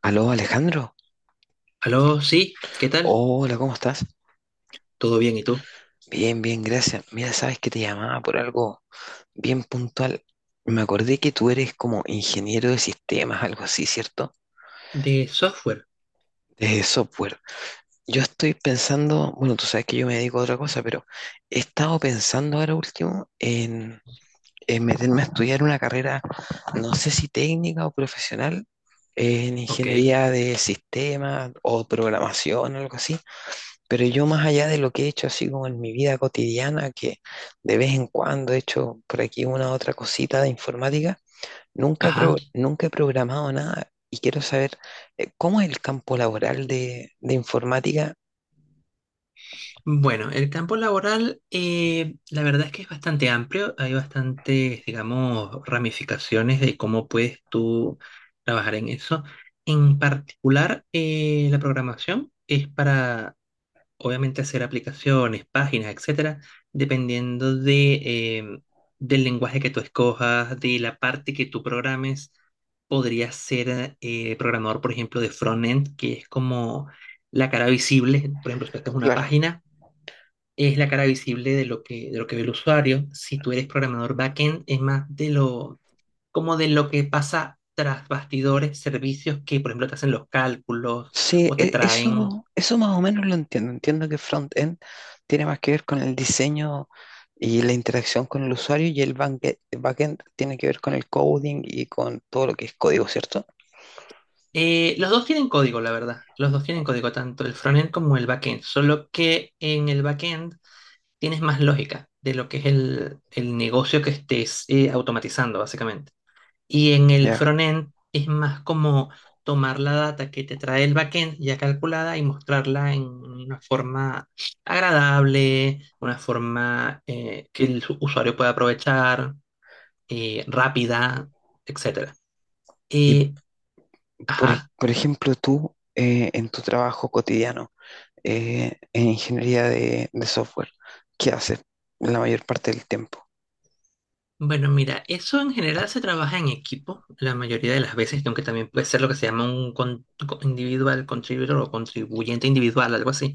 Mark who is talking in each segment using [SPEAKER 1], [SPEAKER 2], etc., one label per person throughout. [SPEAKER 1] Aló, Alejandro.
[SPEAKER 2] Aló, sí, ¿qué tal?
[SPEAKER 1] Hola, ¿cómo estás?
[SPEAKER 2] ¿Todo bien y tú?
[SPEAKER 1] Bien, bien, gracias. Mira, sabes que te llamaba por algo bien puntual. Me acordé que tú eres como ingeniero de sistemas, algo así, ¿cierto?
[SPEAKER 2] De software,
[SPEAKER 1] De software. Yo estoy pensando, bueno, tú sabes que yo me dedico a otra cosa, pero he estado pensando ahora último en meterme a estudiar una carrera, no sé si técnica o profesional, en
[SPEAKER 2] ok,
[SPEAKER 1] ingeniería de sistemas o programación, algo así. Pero yo, más allá de lo que he hecho así como en mi vida cotidiana, que de vez en cuando he hecho por aquí una otra cosita de informática,
[SPEAKER 2] ajá.
[SPEAKER 1] nunca he programado nada, y quiero saber cómo es el campo laboral de informática.
[SPEAKER 2] Bueno, el campo laboral, la verdad es que es bastante amplio, hay bastantes, digamos, ramificaciones de cómo puedes tú trabajar en eso. En particular, la programación es para obviamente hacer aplicaciones, páginas, etcétera, dependiendo de, del lenguaje que tú escojas, de la parte que tú programes. Podrías ser programador, por ejemplo, de frontend, que es como la cara visible. Por ejemplo, si haces una
[SPEAKER 1] Claro,
[SPEAKER 2] página, es la cara visible de de lo que ve el usuario. Si tú eres programador backend, es más como de lo que pasa tras bastidores, servicios que, por ejemplo, te hacen los cálculos
[SPEAKER 1] sí,
[SPEAKER 2] o te traen.
[SPEAKER 1] eso, eso más o menos lo entiendo. Entiendo que front-end tiene más que ver con el diseño y la interacción con el usuario, y el el back-end tiene que ver con el coding y con todo lo que es código, ¿cierto?
[SPEAKER 2] Los dos tienen código, la verdad. Los dos tienen código, tanto el frontend como el backend. Solo que en el backend tienes más lógica de lo que es el negocio que estés automatizando, básicamente. Y en el
[SPEAKER 1] Ya.
[SPEAKER 2] frontend es más como tomar la data que te trae el backend ya calculada y mostrarla en una forma agradable, una forma que el usuario pueda aprovechar, rápida, etcétera.
[SPEAKER 1] Y
[SPEAKER 2] Eh,
[SPEAKER 1] por,
[SPEAKER 2] ajá.
[SPEAKER 1] por ejemplo, tú, en tu trabajo cotidiano, en ingeniería de software, ¿qué haces la mayor parte del tiempo?
[SPEAKER 2] Bueno, mira, eso en general se trabaja en equipo la mayoría de las veces, aunque también puede ser lo que se llama un individual contributor o contribuyente individual, algo así.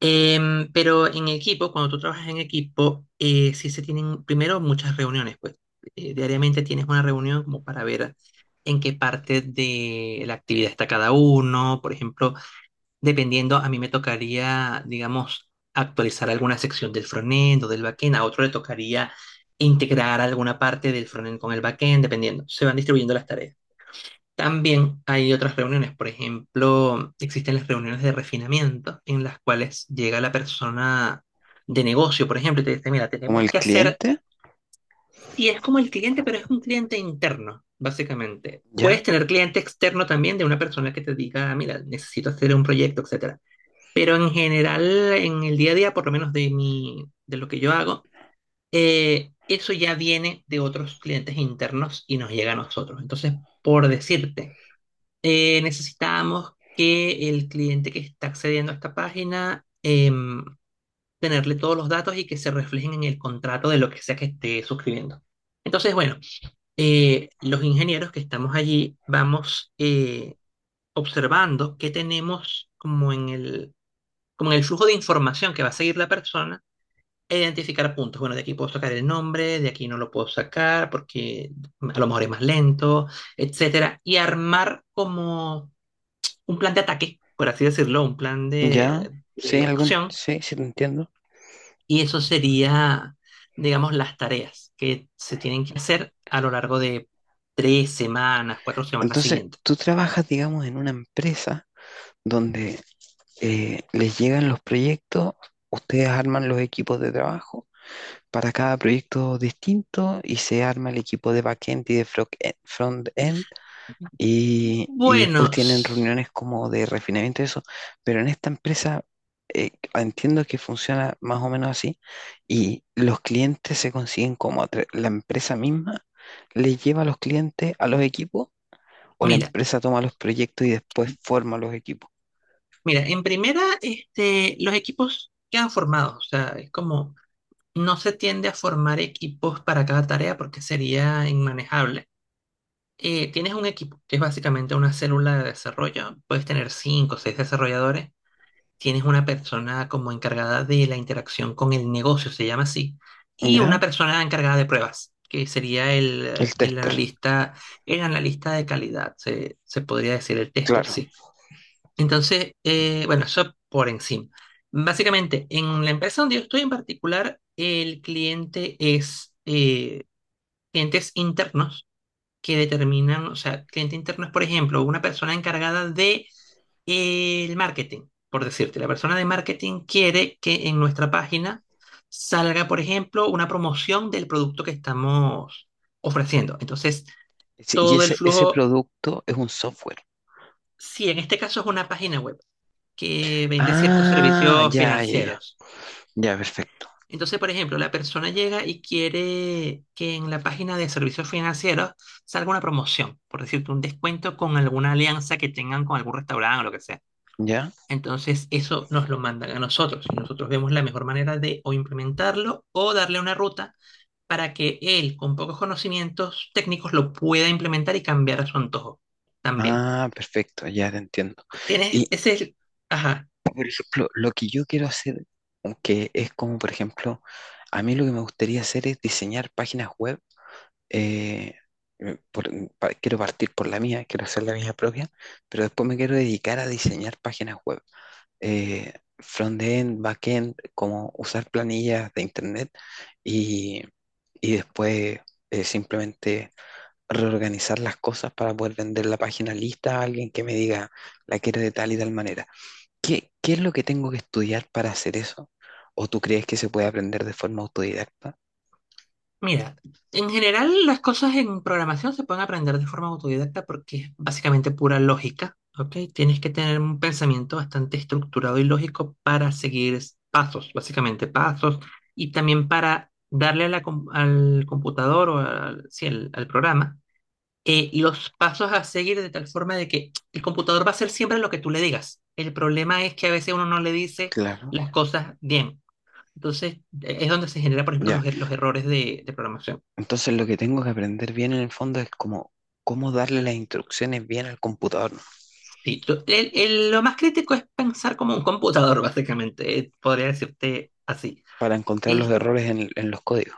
[SPEAKER 2] Pero en equipo, cuando tú trabajas en equipo, sí se tienen primero muchas reuniones, pues diariamente tienes una reunión como para ver en qué parte de la actividad está cada uno, por ejemplo. Dependiendo, a mí me tocaría, digamos, actualizar alguna sección del frontend o del backend, a otro le tocaría integrar alguna parte del frontend con el backend, dependiendo. Se van distribuyendo las tareas. También hay otras reuniones, por ejemplo, existen las reuniones de refinamiento en las cuales llega la persona de negocio, por ejemplo, y te dice, mira,
[SPEAKER 1] ¿Como
[SPEAKER 2] tenemos
[SPEAKER 1] el
[SPEAKER 2] que hacer,
[SPEAKER 1] cliente?
[SPEAKER 2] y es como el cliente, pero es un cliente interno, básicamente. Puedes
[SPEAKER 1] ¿Ya?
[SPEAKER 2] tener cliente externo también de una persona que te diga, mira, necesito hacer un proyecto, etcétera. Pero en general, en el día a día, por lo menos de de lo que yo hago, eso ya viene de otros clientes internos y nos llega a nosotros. Entonces, por decirte, necesitamos que el cliente que está accediendo a esta página tenerle todos los datos y que se reflejen en el contrato de lo que sea que esté suscribiendo. Entonces, bueno, los ingenieros que estamos allí vamos observando qué tenemos como en como en el flujo de información que va a seguir la persona, e identificar puntos. Bueno, de aquí puedo sacar el nombre, de aquí no lo puedo sacar porque a lo mejor es más lento, etcétera. Y armar como un plan de ataque, por así decirlo, un plan
[SPEAKER 1] ¿Ya? ¿Sí?
[SPEAKER 2] de
[SPEAKER 1] ¿Algún?
[SPEAKER 2] acción.
[SPEAKER 1] Sí, sí, te entiendo.
[SPEAKER 2] Y eso sería, digamos, las tareas que se tienen que hacer a lo largo de tres semanas, cuatro semanas
[SPEAKER 1] Entonces,
[SPEAKER 2] siguientes.
[SPEAKER 1] tú trabajas, digamos, en una empresa donde, les llegan los proyectos, ustedes arman los equipos de trabajo para cada proyecto distinto, y se arma el equipo de backend y de frontend. Y después tienen
[SPEAKER 2] Buenos,
[SPEAKER 1] reuniones como de refinamiento y eso. Pero en esta empresa, entiendo que funciona más o menos así. Y los clientes se consiguen como a la empresa misma le lleva a los clientes a los equipos, o la
[SPEAKER 2] mira,
[SPEAKER 1] empresa toma los proyectos y después forma los equipos.
[SPEAKER 2] mira, en primera, este, los equipos quedan formados, o sea, es como no se tiende a formar equipos para cada tarea porque sería inmanejable. Tienes un equipo, que es básicamente una célula de desarrollo, puedes tener cinco o seis desarrolladores, tienes una persona como encargada de la interacción con el negocio, se llama así, y una
[SPEAKER 1] ¿Ya?
[SPEAKER 2] persona encargada de pruebas, que sería
[SPEAKER 1] El tester,
[SPEAKER 2] el analista de calidad, se podría decir el tester,
[SPEAKER 1] claro.
[SPEAKER 2] sí. Entonces, bueno, eso por encima. Básicamente, en la empresa donde yo estoy en particular, el cliente es clientes internos que determinan, o sea, cliente interno es, por ejemplo, una persona encargada de el marketing, por decirte. La persona de marketing quiere que en nuestra página salga, por ejemplo, una promoción del producto que estamos ofreciendo. Entonces,
[SPEAKER 1] Sí, y
[SPEAKER 2] todo el
[SPEAKER 1] ese
[SPEAKER 2] flujo,
[SPEAKER 1] producto es un software.
[SPEAKER 2] si en este caso es una página web, que vende ciertos
[SPEAKER 1] Ah,
[SPEAKER 2] servicios
[SPEAKER 1] ya, ya, ya.
[SPEAKER 2] financieros.
[SPEAKER 1] Ya, perfecto.
[SPEAKER 2] Entonces, por ejemplo, la persona llega y quiere que en la página de servicios financieros salga una promoción, por decirte, un descuento con alguna alianza que tengan con algún restaurante o lo que sea.
[SPEAKER 1] Ya.
[SPEAKER 2] Entonces, eso nos lo mandan a nosotros y nosotros vemos la mejor manera de o implementarlo o darle una ruta para que él, con pocos conocimientos técnicos, lo pueda implementar y cambiar a su antojo también.
[SPEAKER 1] Ah, perfecto, ya te entiendo.
[SPEAKER 2] Tienes
[SPEAKER 1] Y,
[SPEAKER 2] ese... Ajá.
[SPEAKER 1] por ejemplo, lo que yo quiero hacer, que es como, por ejemplo, a mí lo que me gustaría hacer es diseñar páginas web. eh, eh, por- Quiero partir por la mía, quiero hacer la mía propia, pero después me quiero dedicar a diseñar páginas web. eh, Front-end, back-end, como usar planillas de internet, y, y después, simplemente reorganizar las cosas para poder vender la página lista a alguien que me diga, la quiero de tal y tal manera. ¿Qué, qué es lo que tengo que estudiar para hacer eso? ¿O tú crees que se puede aprender de forma autodidacta?
[SPEAKER 2] Mira, en general las cosas en programación se pueden aprender de forma autodidacta porque es básicamente pura lógica, ¿ok? Tienes que tener un pensamiento bastante estructurado y lógico para seguir pasos, básicamente pasos, y también para darle a la al computador o al, sí, al programa los pasos a seguir de tal forma de que el computador va a hacer siempre lo que tú le digas. El problema es que a veces uno no le dice
[SPEAKER 1] Claro,
[SPEAKER 2] las cosas bien. Entonces, es donde se genera, por ejemplo,
[SPEAKER 1] ya.
[SPEAKER 2] los errores de programación.
[SPEAKER 1] Entonces lo que tengo que aprender bien en el fondo es como cómo darle las instrucciones bien al computador
[SPEAKER 2] Sí, lo más crítico es pensar como un computador, básicamente, podría decirte así.
[SPEAKER 1] para encontrar los
[SPEAKER 2] Es-
[SPEAKER 1] errores en los códigos.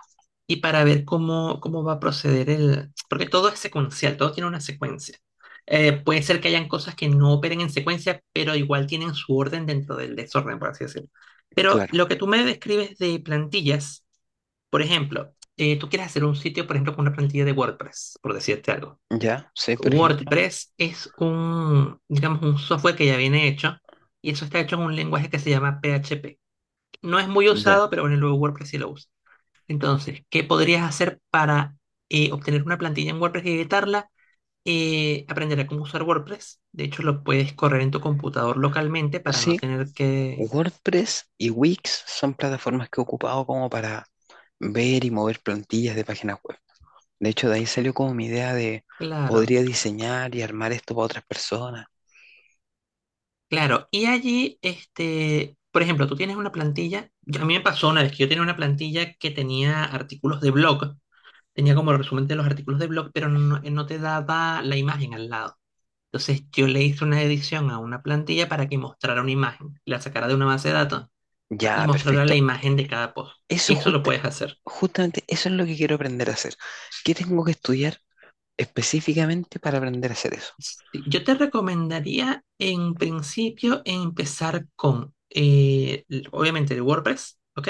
[SPEAKER 2] y para ver cómo, cómo va a proceder el... Porque todo es secuencial, todo tiene una secuencia. Puede ser que hayan cosas que no operen en secuencia, pero igual tienen su orden dentro del desorden, por así decirlo. Pero
[SPEAKER 1] Claro,
[SPEAKER 2] lo que tú me describes de plantillas, por ejemplo, tú quieres hacer un sitio, por ejemplo, con una plantilla de WordPress, por decirte algo.
[SPEAKER 1] ya, sí, por ejemplo,
[SPEAKER 2] WordPress es un, digamos, un software que ya viene hecho y eso está hecho en un lenguaje que se llama PHP. No es muy
[SPEAKER 1] ya.
[SPEAKER 2] usado, pero bueno, luego WordPress sí lo usa. Entonces, ¿qué podrías hacer para obtener una plantilla en WordPress y editarla? Aprender a cómo usar WordPress. De hecho, lo puedes correr en tu computador localmente para no
[SPEAKER 1] Sí,
[SPEAKER 2] tener que...
[SPEAKER 1] WordPress y Wix son plataformas que he ocupado como para ver y mover plantillas de páginas web. De hecho, de ahí salió como mi idea de
[SPEAKER 2] Claro,
[SPEAKER 1] podría diseñar y armar esto para otras personas.
[SPEAKER 2] claro. Y allí, este, por ejemplo, tú tienes una plantilla. A mí me pasó una vez que yo tenía una plantilla que tenía artículos de blog. Tenía como el resumen de los artículos de blog, pero no te daba la imagen al lado. Entonces yo le hice una edición a una plantilla para que mostrara una imagen, la sacara de una base de datos y
[SPEAKER 1] Ya,
[SPEAKER 2] mostrara la
[SPEAKER 1] perfecto.
[SPEAKER 2] imagen de cada post.
[SPEAKER 1] Eso
[SPEAKER 2] Eso lo
[SPEAKER 1] justa-
[SPEAKER 2] puedes hacer.
[SPEAKER 1] justamente, eso es lo que quiero aprender a hacer. ¿Qué tengo que estudiar específicamente para aprender a hacer eso?
[SPEAKER 2] Sí, yo te recomendaría en principio empezar con, obviamente, el WordPress, ¿ok?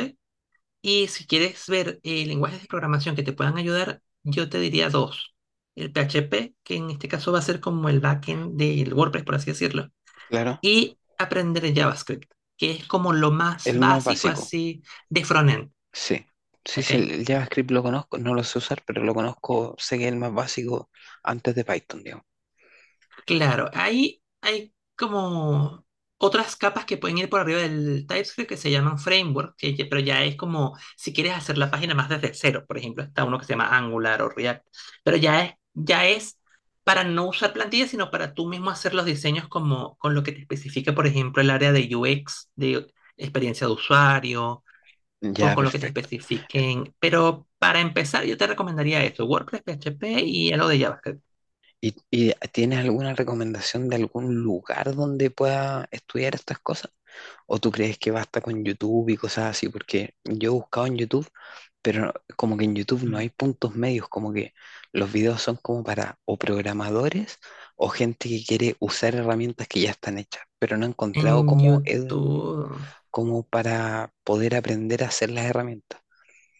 [SPEAKER 2] Y si quieres ver lenguajes de programación que te puedan ayudar, yo te diría dos. El PHP, que en este caso va a ser como el backend del WordPress, por así decirlo,
[SPEAKER 1] Claro,
[SPEAKER 2] y aprender JavaScript, que es como lo más
[SPEAKER 1] el más
[SPEAKER 2] básico
[SPEAKER 1] básico,
[SPEAKER 2] así de frontend,
[SPEAKER 1] sí. Sí,
[SPEAKER 2] ¿ok?
[SPEAKER 1] sí, el JavaScript lo conozco, no lo sé usar, pero lo conozco, sé que es el más básico antes de Python, digamos.
[SPEAKER 2] Claro, ahí hay como otras capas que pueden ir por arriba del TypeScript que se llaman framework, que pero ya es como si quieres hacer la página más desde cero, por ejemplo, está uno que se llama Angular o React, pero ya es para no usar plantillas, sino para tú mismo hacer los diseños como con lo que te especifica, por ejemplo, el área de UX, de experiencia de usuario o
[SPEAKER 1] Ya,
[SPEAKER 2] con lo que te
[SPEAKER 1] perfecto.
[SPEAKER 2] especifiquen. Pero para empezar, yo te recomendaría esto, WordPress, PHP y algo de JavaScript.
[SPEAKER 1] Y tienes alguna recomendación de algún lugar donde pueda estudiar estas cosas? ¿O tú crees que basta con YouTube y cosas así? Porque yo he buscado en YouTube, pero no, como que en YouTube no
[SPEAKER 2] Mm.
[SPEAKER 1] hay puntos medios, como que los videos son como para o programadores o gente que quiere usar herramientas que ya están hechas, pero no he encontrado
[SPEAKER 2] En
[SPEAKER 1] cómo,
[SPEAKER 2] YouTube,
[SPEAKER 1] cómo para poder aprender a hacer las herramientas.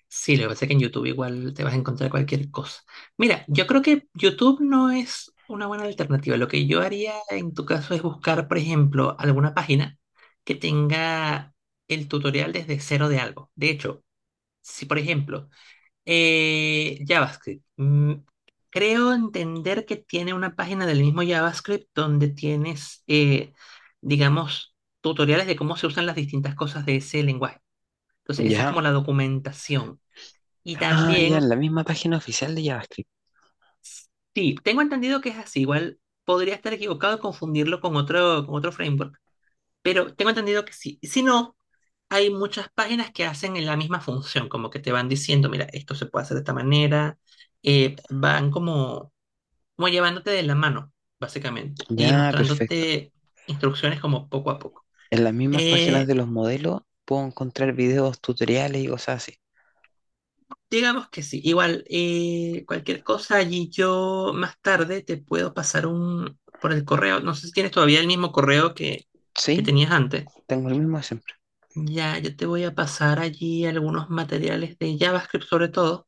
[SPEAKER 2] sí, lo que pasa es que en YouTube igual te vas a encontrar cualquier cosa. Mira, yo creo que YouTube no es una buena alternativa. Lo que yo haría en tu caso es buscar, por ejemplo, alguna página que tenga el tutorial desde cero de algo. De hecho, si por ejemplo JavaScript. Creo entender que tiene una página del mismo JavaScript donde tienes, digamos, tutoriales de cómo se usan las distintas cosas de ese lenguaje. Entonces, esa es como
[SPEAKER 1] ¿Ya?
[SPEAKER 2] la documentación. Y
[SPEAKER 1] Ah, ya,
[SPEAKER 2] también,
[SPEAKER 1] en la misma página oficial de JavaScript.
[SPEAKER 2] sí, tengo entendido que es así. Igual podría estar equivocado y confundirlo con otro framework, pero tengo entendido que sí. Si no, hay muchas páginas que hacen la misma función, como que te van diciendo, mira, esto se puede hacer de esta manera. Van como como llevándote de la mano, básicamente, y
[SPEAKER 1] Ya, perfecto.
[SPEAKER 2] mostrándote instrucciones como poco a poco.
[SPEAKER 1] En las mismas páginas
[SPEAKER 2] Eh,
[SPEAKER 1] de los modelos puedo encontrar videos, tutoriales y cosas así.
[SPEAKER 2] digamos que sí, igual, cualquier cosa allí yo más tarde te puedo pasar un por el correo. No sé si tienes todavía el mismo correo que
[SPEAKER 1] Sí,
[SPEAKER 2] tenías antes.
[SPEAKER 1] tengo el mismo siempre.
[SPEAKER 2] Ya, yo te voy a pasar allí algunos materiales de JavaScript sobre todo,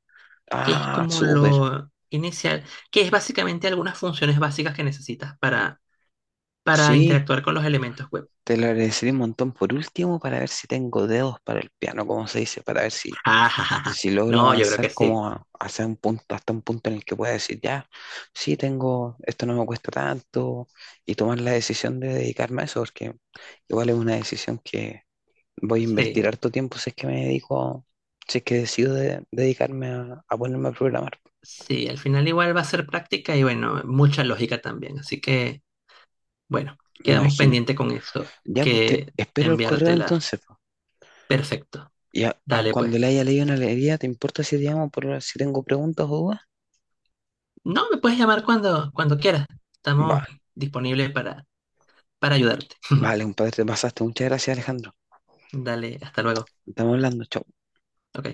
[SPEAKER 2] que es
[SPEAKER 1] Ah,
[SPEAKER 2] como
[SPEAKER 1] súper.
[SPEAKER 2] lo inicial, que es básicamente algunas funciones básicas que necesitas para
[SPEAKER 1] Sí,
[SPEAKER 2] interactuar con los elementos web.
[SPEAKER 1] te lo agradeceré un montón por último para ver si tengo dedos para el piano, como se dice, para ver si, si logro
[SPEAKER 2] No, yo creo
[SPEAKER 1] avanzar
[SPEAKER 2] que sí.
[SPEAKER 1] como a, hacia un punto, hasta un punto en el que pueda decir, ya, sí, tengo, esto no me cuesta tanto, y tomar la decisión de dedicarme a eso, porque igual es una decisión que voy a invertir
[SPEAKER 2] Sí,
[SPEAKER 1] harto tiempo si es que me dedico, si es que decido dedicarme a ponerme a programar,
[SPEAKER 2] sí, al final igual va a ser práctica y bueno, mucha lógica también. Así que, bueno,
[SPEAKER 1] me
[SPEAKER 2] quedamos
[SPEAKER 1] imagino.
[SPEAKER 2] pendiente con eso,
[SPEAKER 1] Ya, pues te
[SPEAKER 2] que
[SPEAKER 1] espero el correo
[SPEAKER 2] enviártela.
[SPEAKER 1] entonces.
[SPEAKER 2] Perfecto.
[SPEAKER 1] Y
[SPEAKER 2] Dale pues.
[SPEAKER 1] cuando le haya leído una alegría, ¿te importa si te llamo por si tengo preguntas o dudas?
[SPEAKER 2] No, me puedes llamar cuando quieras. Estamos
[SPEAKER 1] Vale,
[SPEAKER 2] disponibles para ayudarte.
[SPEAKER 1] vale, compadre, te pasaste. Muchas gracias, Alejandro.
[SPEAKER 2] Dale, hasta luego.
[SPEAKER 1] Estamos hablando. Chao.
[SPEAKER 2] Ok.